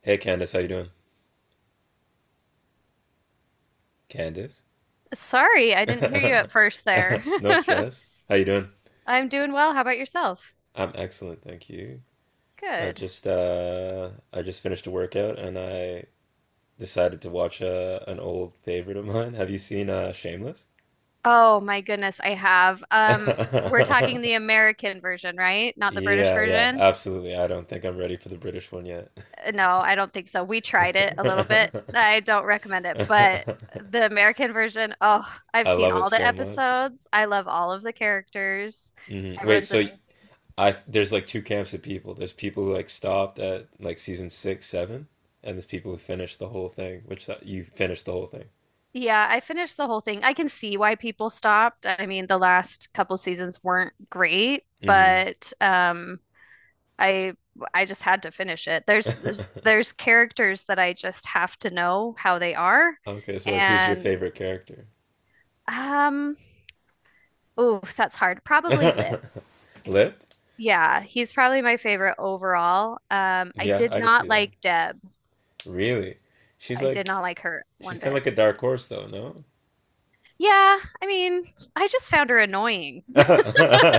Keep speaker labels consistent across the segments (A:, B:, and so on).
A: Hey Candace, how you doing? Candace?
B: Sorry, I didn't hear you at first there.
A: No stress. How you doing?
B: I'm doing well. How about yourself?
A: I'm excellent, thank you. I
B: Good.
A: just uh I just finished a workout and I decided to watch an old favorite of mine. Have you seen Shameless?
B: Oh my goodness, I have. We're talking the American version, right? Not the British
A: Yeah, yeah,
B: version.
A: absolutely. I don't think I'm ready for the British one yet.
B: No, I don't think so. We tried it a little bit. I don't recommend it, but the American version, oh, I've
A: I
B: seen
A: love it
B: all the
A: so much.
B: episodes. I love all of the characters.
A: Hmm. Wait,
B: Everyone's
A: so
B: amazing.
A: I there's like two camps of people. There's people who like stopped at like season six, seven, and there's people who finished the whole thing. Which you finished the whole
B: Yeah, I finished the whole thing. I can see why people stopped. I mean, the last couple seasons weren't great,
A: thing.
B: but I I just had to finish it. There's
A: Mm-hmm.
B: there's characters that I just have to know how they are,
A: Okay, so like, who's your
B: and
A: favorite character?
B: um, oh, that's hard. Probably Lip.
A: Lip?
B: Yeah, he's probably my favorite overall. I
A: Yeah,
B: did
A: I could see
B: not
A: that.
B: like Deb.
A: Really? She's
B: I did not
A: like
B: like her
A: she's
B: one
A: kind of
B: bit.
A: like a dark horse, though. No?
B: Yeah, I mean, I just found her annoying.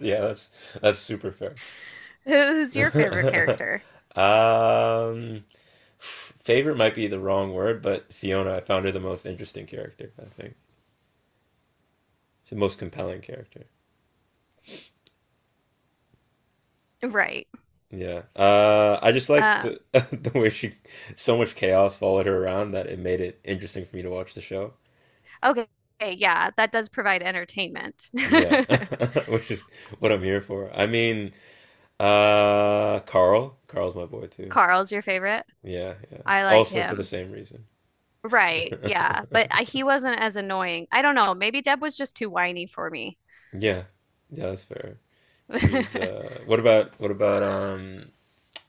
A: Yeah, that's super fair.
B: Who's your favorite character?
A: um, Favorite might be the wrong word, but Fiona, I found her the most interesting character, I think. The most compelling character.
B: Right.
A: Yeah, I just like
B: Um,
A: the the way she so much chaos followed her around that it made it interesting for me to watch the show.
B: okay. Yeah, that does provide entertainment.
A: Yeah, which is what I'm here for. I mean, Carl, Carl's my boy too.
B: Carl's your favorite.
A: Yeah, yeah.
B: I like
A: Also for the
B: him.
A: same reason.
B: Right. Yeah. But I, he wasn't as annoying. I don't know. Maybe Deb was just too whiny for me.
A: Yeah, yeah, that's fair. She's what about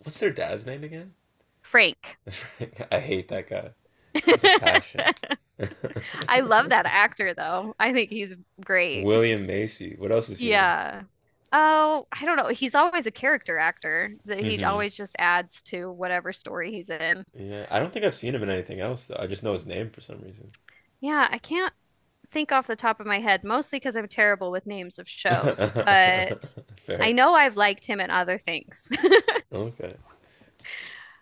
A: what's their dad's name again?
B: Frank.
A: I hate that guy with a passion.
B: I love that actor, though. I think he's great.
A: William Macy. What else is he in?
B: Yeah. Oh, I don't know. He's always a character actor. So he
A: Hmm.
B: always just adds to whatever story he's in.
A: Yeah, I don't think I've seen him in anything else though. I just know his name for some reason.
B: Yeah, I can't think off the top of my head, mostly because I'm terrible with names of shows, but I
A: Fair.
B: know I've liked him in other things.
A: Okay.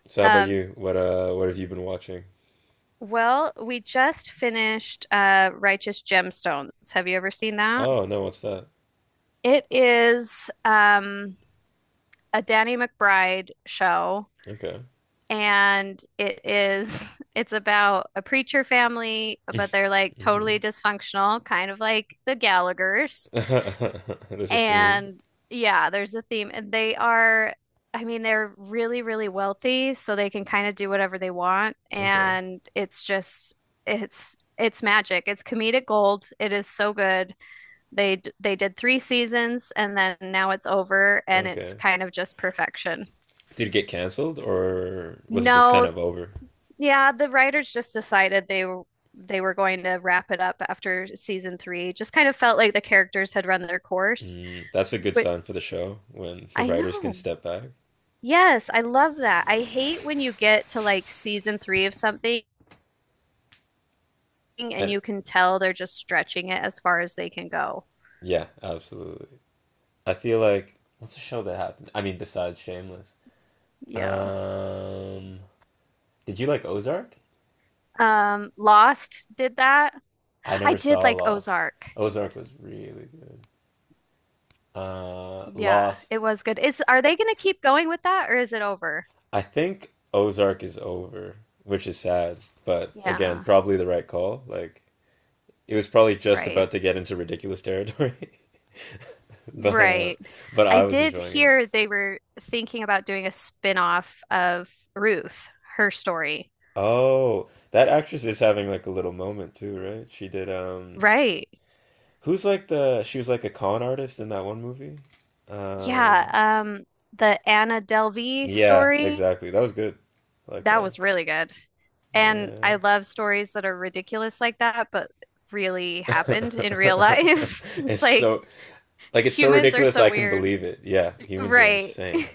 A: So how about
B: Um,
A: you? What have you been watching?
B: well, we just finished Righteous Gemstones. Have you ever seen that?
A: Oh no, what's that?
B: It is a Danny McBride show,
A: Okay.
B: and it is it's about a preacher family, but they're like totally
A: Hmm.
B: dysfunctional, kind of like the Gallaghers.
A: There's a theme.
B: And yeah, there's a theme. And they are, I mean, they're really, really wealthy, so they can kind of do whatever they want.
A: Okay.
B: And it's just, it's magic. It's comedic gold. It is so good. They they did three seasons and then now it's over and it's
A: Okay.
B: kind of just perfection.
A: Did it get canceled or was it just kind
B: No,
A: of over?
B: yeah, the writers just decided they were going to wrap it up after season three. Just kind of felt like the characters had run their course,
A: Mm, that's a good
B: but
A: sign for the show when the
B: I
A: writers can
B: know.
A: step back.
B: Yes, I love that. I hate when you get to like season three of something and
A: And
B: you can tell they're just stretching it as far as they can go.
A: yeah, absolutely. I feel like what's a show that happened? I mean, besides Shameless.
B: Yeah.
A: Um, Did you like Ozark?
B: Lost did that.
A: I
B: I
A: never
B: did
A: saw
B: like
A: Lost.
B: Ozark.
A: Ozark was really good.
B: Yeah,
A: Lost.
B: it was good. Is are they going to keep going with that or is it over?
A: I think Ozark is over, which is sad. But again,
B: Yeah,
A: probably the right call. Like it was probably just
B: right.
A: about to get into ridiculous territory, but uh,
B: Right.
A: but
B: I
A: I was
B: did
A: enjoying it.
B: hear they were thinking about doing a spin-off of Ruth, her story.
A: Oh, that actress is having like a little moment too, right? She did
B: Right.
A: who's like the she was like a con artist in that one movie. Um,
B: Yeah, the Anna Delvey
A: yeah,
B: story,
A: exactly. That was good. I like
B: that
A: that.
B: was really good. And
A: Yeah.
B: I love stories that are ridiculous like that, but really happened in real life. It's
A: it's
B: like
A: so like it's so
B: humans are
A: ridiculous
B: so
A: I can
B: weird.
A: believe it. Yeah, humans are
B: Right.
A: insane.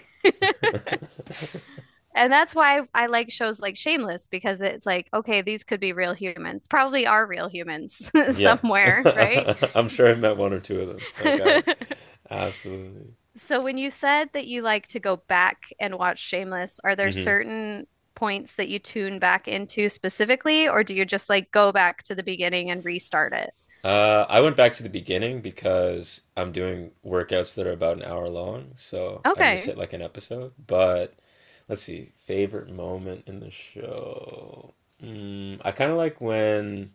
B: And that's why I like shows like Shameless because it's like, okay, these could be real humans, probably are real humans
A: Yeah.
B: somewhere, right?
A: I'm sure I've met one or two of them. Like I absolutely.
B: So when you said that you like to go back and watch Shameless, are there
A: Hmm.
B: certain points that you tune back into specifically, or do you just like go back to the beginning and restart it?
A: I went back to the beginning because I'm doing workouts that are about an hour long, so I can just
B: Okay.
A: hit like an episode. But let's see, favorite moment in the show. Mm, I kind of like when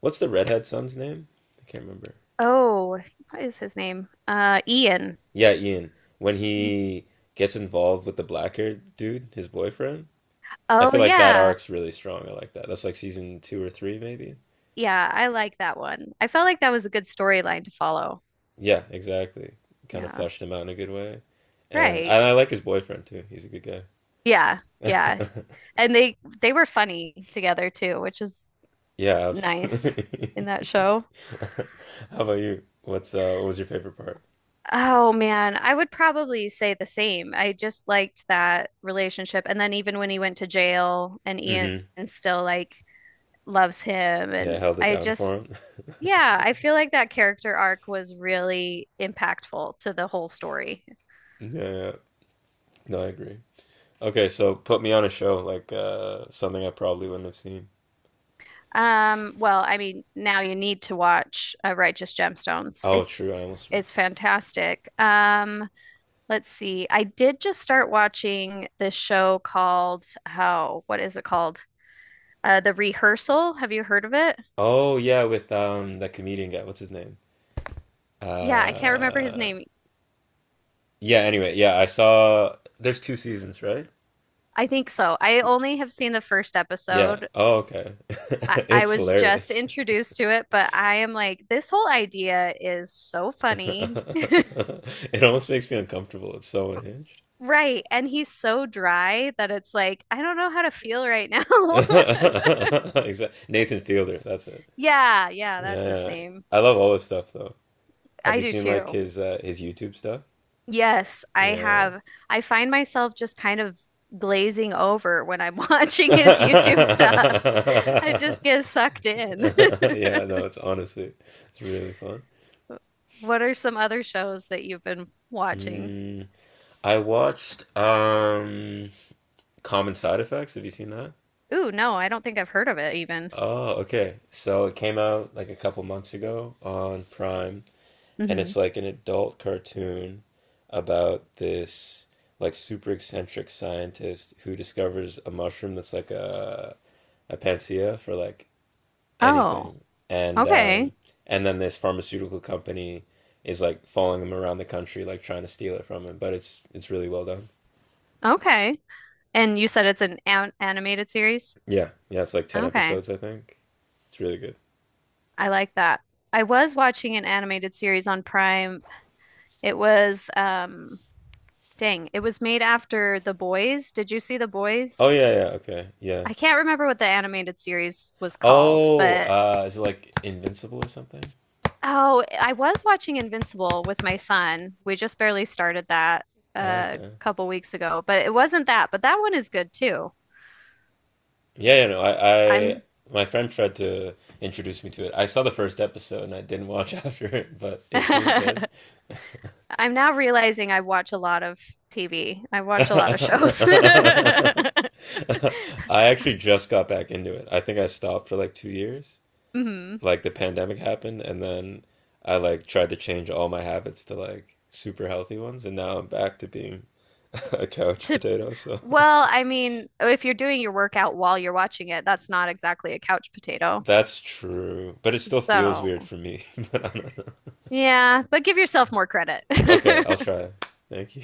A: what's the redhead son's name? I can't remember.
B: Oh, what is his name? Ian.
A: Yeah, Ian, when he gets involved with the black haired dude, his boyfriend, I
B: Oh
A: feel like that
B: yeah.
A: arc's really strong. I like that. That's like season two or three, maybe.
B: Yeah, I like that one. I felt like that was a good storyline to follow.
A: Yeah, exactly. Kind of
B: Yeah.
A: fleshed him out in a good way. And,
B: Right.
A: and I like his boyfriend too. He's a good guy.
B: Yeah. Yeah. And they were funny together too, which is
A: Yeah,
B: nice in
A: absolutely.
B: that show.
A: How about you? What's what was your favorite part?
B: Oh man, I would probably say the same. I just liked that relationship. And then even when he went to jail and Ian
A: Mm-hmm.
B: still like loves him
A: Yeah,
B: and
A: held it
B: I
A: down for
B: just
A: him.
B: Yeah, I feel like that character arc was really impactful to the whole story.
A: Yeah, yeah. No, I agree. Okay, so put me on a show like something I probably wouldn't have seen.
B: Well, I mean, now you need to watch Righteous Gemstones.
A: Oh, true. I almost.
B: It's fantastic. Let's see. I did just start watching this show called, oh, what is it called? The Rehearsal. Have you heard of it?
A: Oh yeah, with that comedian guy. What's his name?
B: Yeah, I can't remember his
A: Uh
B: name.
A: yeah, anyway, yeah, I saw there's two seasons, right?
B: I think so. I only have seen the first
A: Yeah.
B: episode.
A: Oh, okay.
B: I
A: It's
B: was just
A: hilarious.
B: introduced to it, but I am like, this whole idea is so funny.
A: It almost makes me uncomfortable. It's so unhinged.
B: Right. And he's so dry that it's like, I don't know how to feel right now.
A: Exactly. Nathan Fielder, that's it.
B: Yeah, yeah,
A: Yeah,
B: that's his
A: yeah, yeah.
B: name.
A: I love all his stuff though. Have
B: I
A: you
B: do
A: seen like
B: too.
A: his YouTube stuff?
B: Yes, I
A: Yeah.
B: have. I find myself just kind of glazing over when I'm watching his YouTube stuff. I just get sucked in.
A: Yeah, no, it's honestly it's really fun.
B: What are some other shows that you've been watching?
A: Mm. I watched Common Side Effects. Have you seen that?
B: Ooh, no, I don't think I've heard of it even.
A: Oh, okay. So it came out like a couple months ago on Prime, and
B: Hmm.
A: it's like an adult cartoon about this like super eccentric scientist who discovers a mushroom that's like a panacea for like
B: Oh,
A: anything. And um
B: okay.
A: and then this pharmaceutical company is like following him around the country like trying to steal it from him, but it's really well done.
B: Okay. And you said it's an animated series?
A: Yeah. Yeah, it's like 10
B: Okay.
A: episodes, I think. It's really good.
B: I like that. I was watching an animated series on Prime. It was dang, it was made after The Boys. Did you see The
A: Oh
B: Boys?
A: yeah, yeah, okay, yeah.
B: I can't remember what the animated series was called,
A: Oh,
B: but
A: is it like Invincible or something?
B: oh, I was watching Invincible with my son. We just barely started that
A: Oh,
B: a
A: okay.
B: couple weeks ago, but it wasn't that, but that one is good too.
A: Yeah, yeah, no,
B: I'm
A: my friend tried to introduce me to it. I saw the first episode and I didn't watch after it, but
B: I'm
A: it seemed good.
B: now realizing I watch a lot of TV. I watch a lot of shows.
A: I actually just got back into it. I think I stopped for like 2 years.
B: Mhm.
A: Like the pandemic happened, and then I like tried to change all my habits to like super healthy ones, and now I'm back to being a couch
B: To
A: potato. So
B: well, I mean, if you're doing your workout while you're watching it, that's not exactly a couch potato.
A: that's true, but it still feels
B: So,
A: weird for me. But I don't know.
B: yeah, but give yourself more credit.
A: Okay, I'll try. Thank you.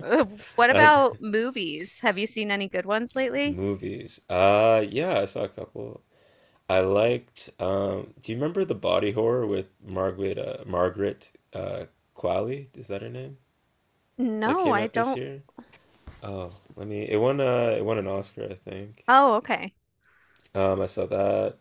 B: Uh, what
A: I,
B: about movies? Have you seen any good ones lately?
A: movies. Yeah, I saw a couple I liked. Do you remember the body horror with Margaret Qualley? Is that her name? That
B: No,
A: came
B: I
A: out this
B: don't.
A: year. Oh, let me. It won. It won an Oscar, I think.
B: Oh, okay.
A: I saw that.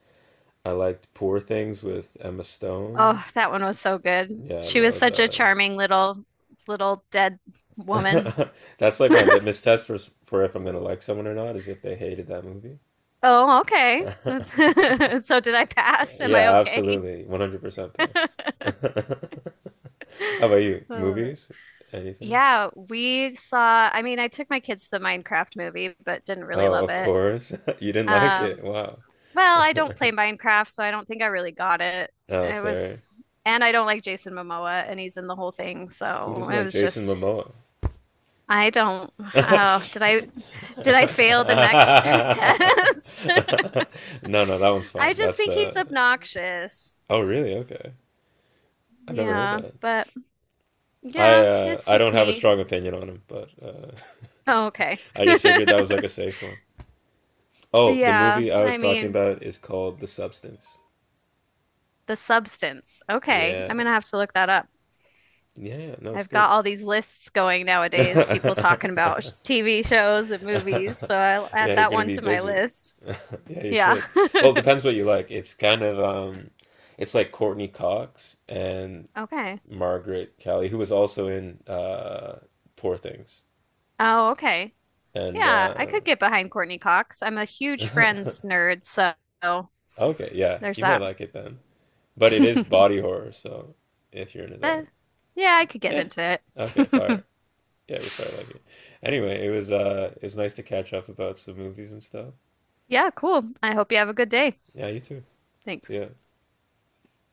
A: I liked Poor Things with Emma Stone.
B: Oh, that one was so good.
A: Yeah, I
B: She was
A: love
B: such a
A: that.
B: charming little dead woman.
A: That's like my litmus test for if I'm gonna like someone or not, is if they hated that movie.
B: Oh, okay. That's- So did I pass? Am I
A: Yeah,
B: okay?
A: absolutely. 100% passed. How
B: I
A: about you?
B: love it.
A: Movies? Anything?
B: Yeah, we saw, I mean, I took my kids to the Minecraft movie, but didn't really
A: Oh,
B: love
A: of
B: it.
A: course. You didn't like it.
B: Um,
A: Wow.
B: Well, I don't play Minecraft, so I don't think I really got it.
A: Oh,
B: It was,
A: fair.
B: and I don't like Jason Momoa, and he's in the whole thing,
A: Who
B: so
A: doesn't
B: it
A: like
B: was
A: Jason
B: just,
A: Momoa?
B: I don't.
A: No,
B: Oh, did I fail the next test?
A: no, that one's
B: I
A: fine.
B: just
A: That's
B: think he's
A: uh.
B: obnoxious.
A: Oh, really? Okay. I've never heard
B: Yeah,
A: that.
B: but
A: I
B: yeah,
A: uh
B: it's
A: I don't
B: just
A: have a
B: me.
A: strong opinion on him, but
B: Oh, okay.
A: I just figured that was like a safe one. Oh, the
B: Yeah,
A: movie I was
B: I
A: talking
B: mean,
A: about is called The Substance.
B: the substance. Okay, I'm
A: Yeah.
B: gonna have to look that up.
A: Yeah, yeah. No, it's
B: I've
A: good.
B: got all these lists going nowadays, people talking about
A: Yeah,
B: sh- TV shows and movies, so I'll add
A: you're
B: that
A: gonna
B: one
A: be
B: to my
A: busy.
B: list.
A: Yeah, you
B: Yeah.
A: should. Well, it depends what you like. It's kind of it's like Courtney Cox and
B: Okay.
A: Margaret Kelly, who was also in Poor Things.
B: Oh, okay.
A: And
B: Yeah, I could get behind Courtney Cox. I'm a huge Friends nerd, so
A: okay, yeah,
B: there's
A: you might
B: that.
A: like it then. But it is body horror, so if you're into
B: Eh,
A: that.
B: yeah, I could get
A: Yeah.
B: into
A: Okay, fire.
B: it.
A: Yeah, you probably like it. Anyway, it was nice to catch up about some movies and stuff.
B: Yeah, cool. I hope you have a good day.
A: Yeah, you too. See
B: Thanks.
A: ya.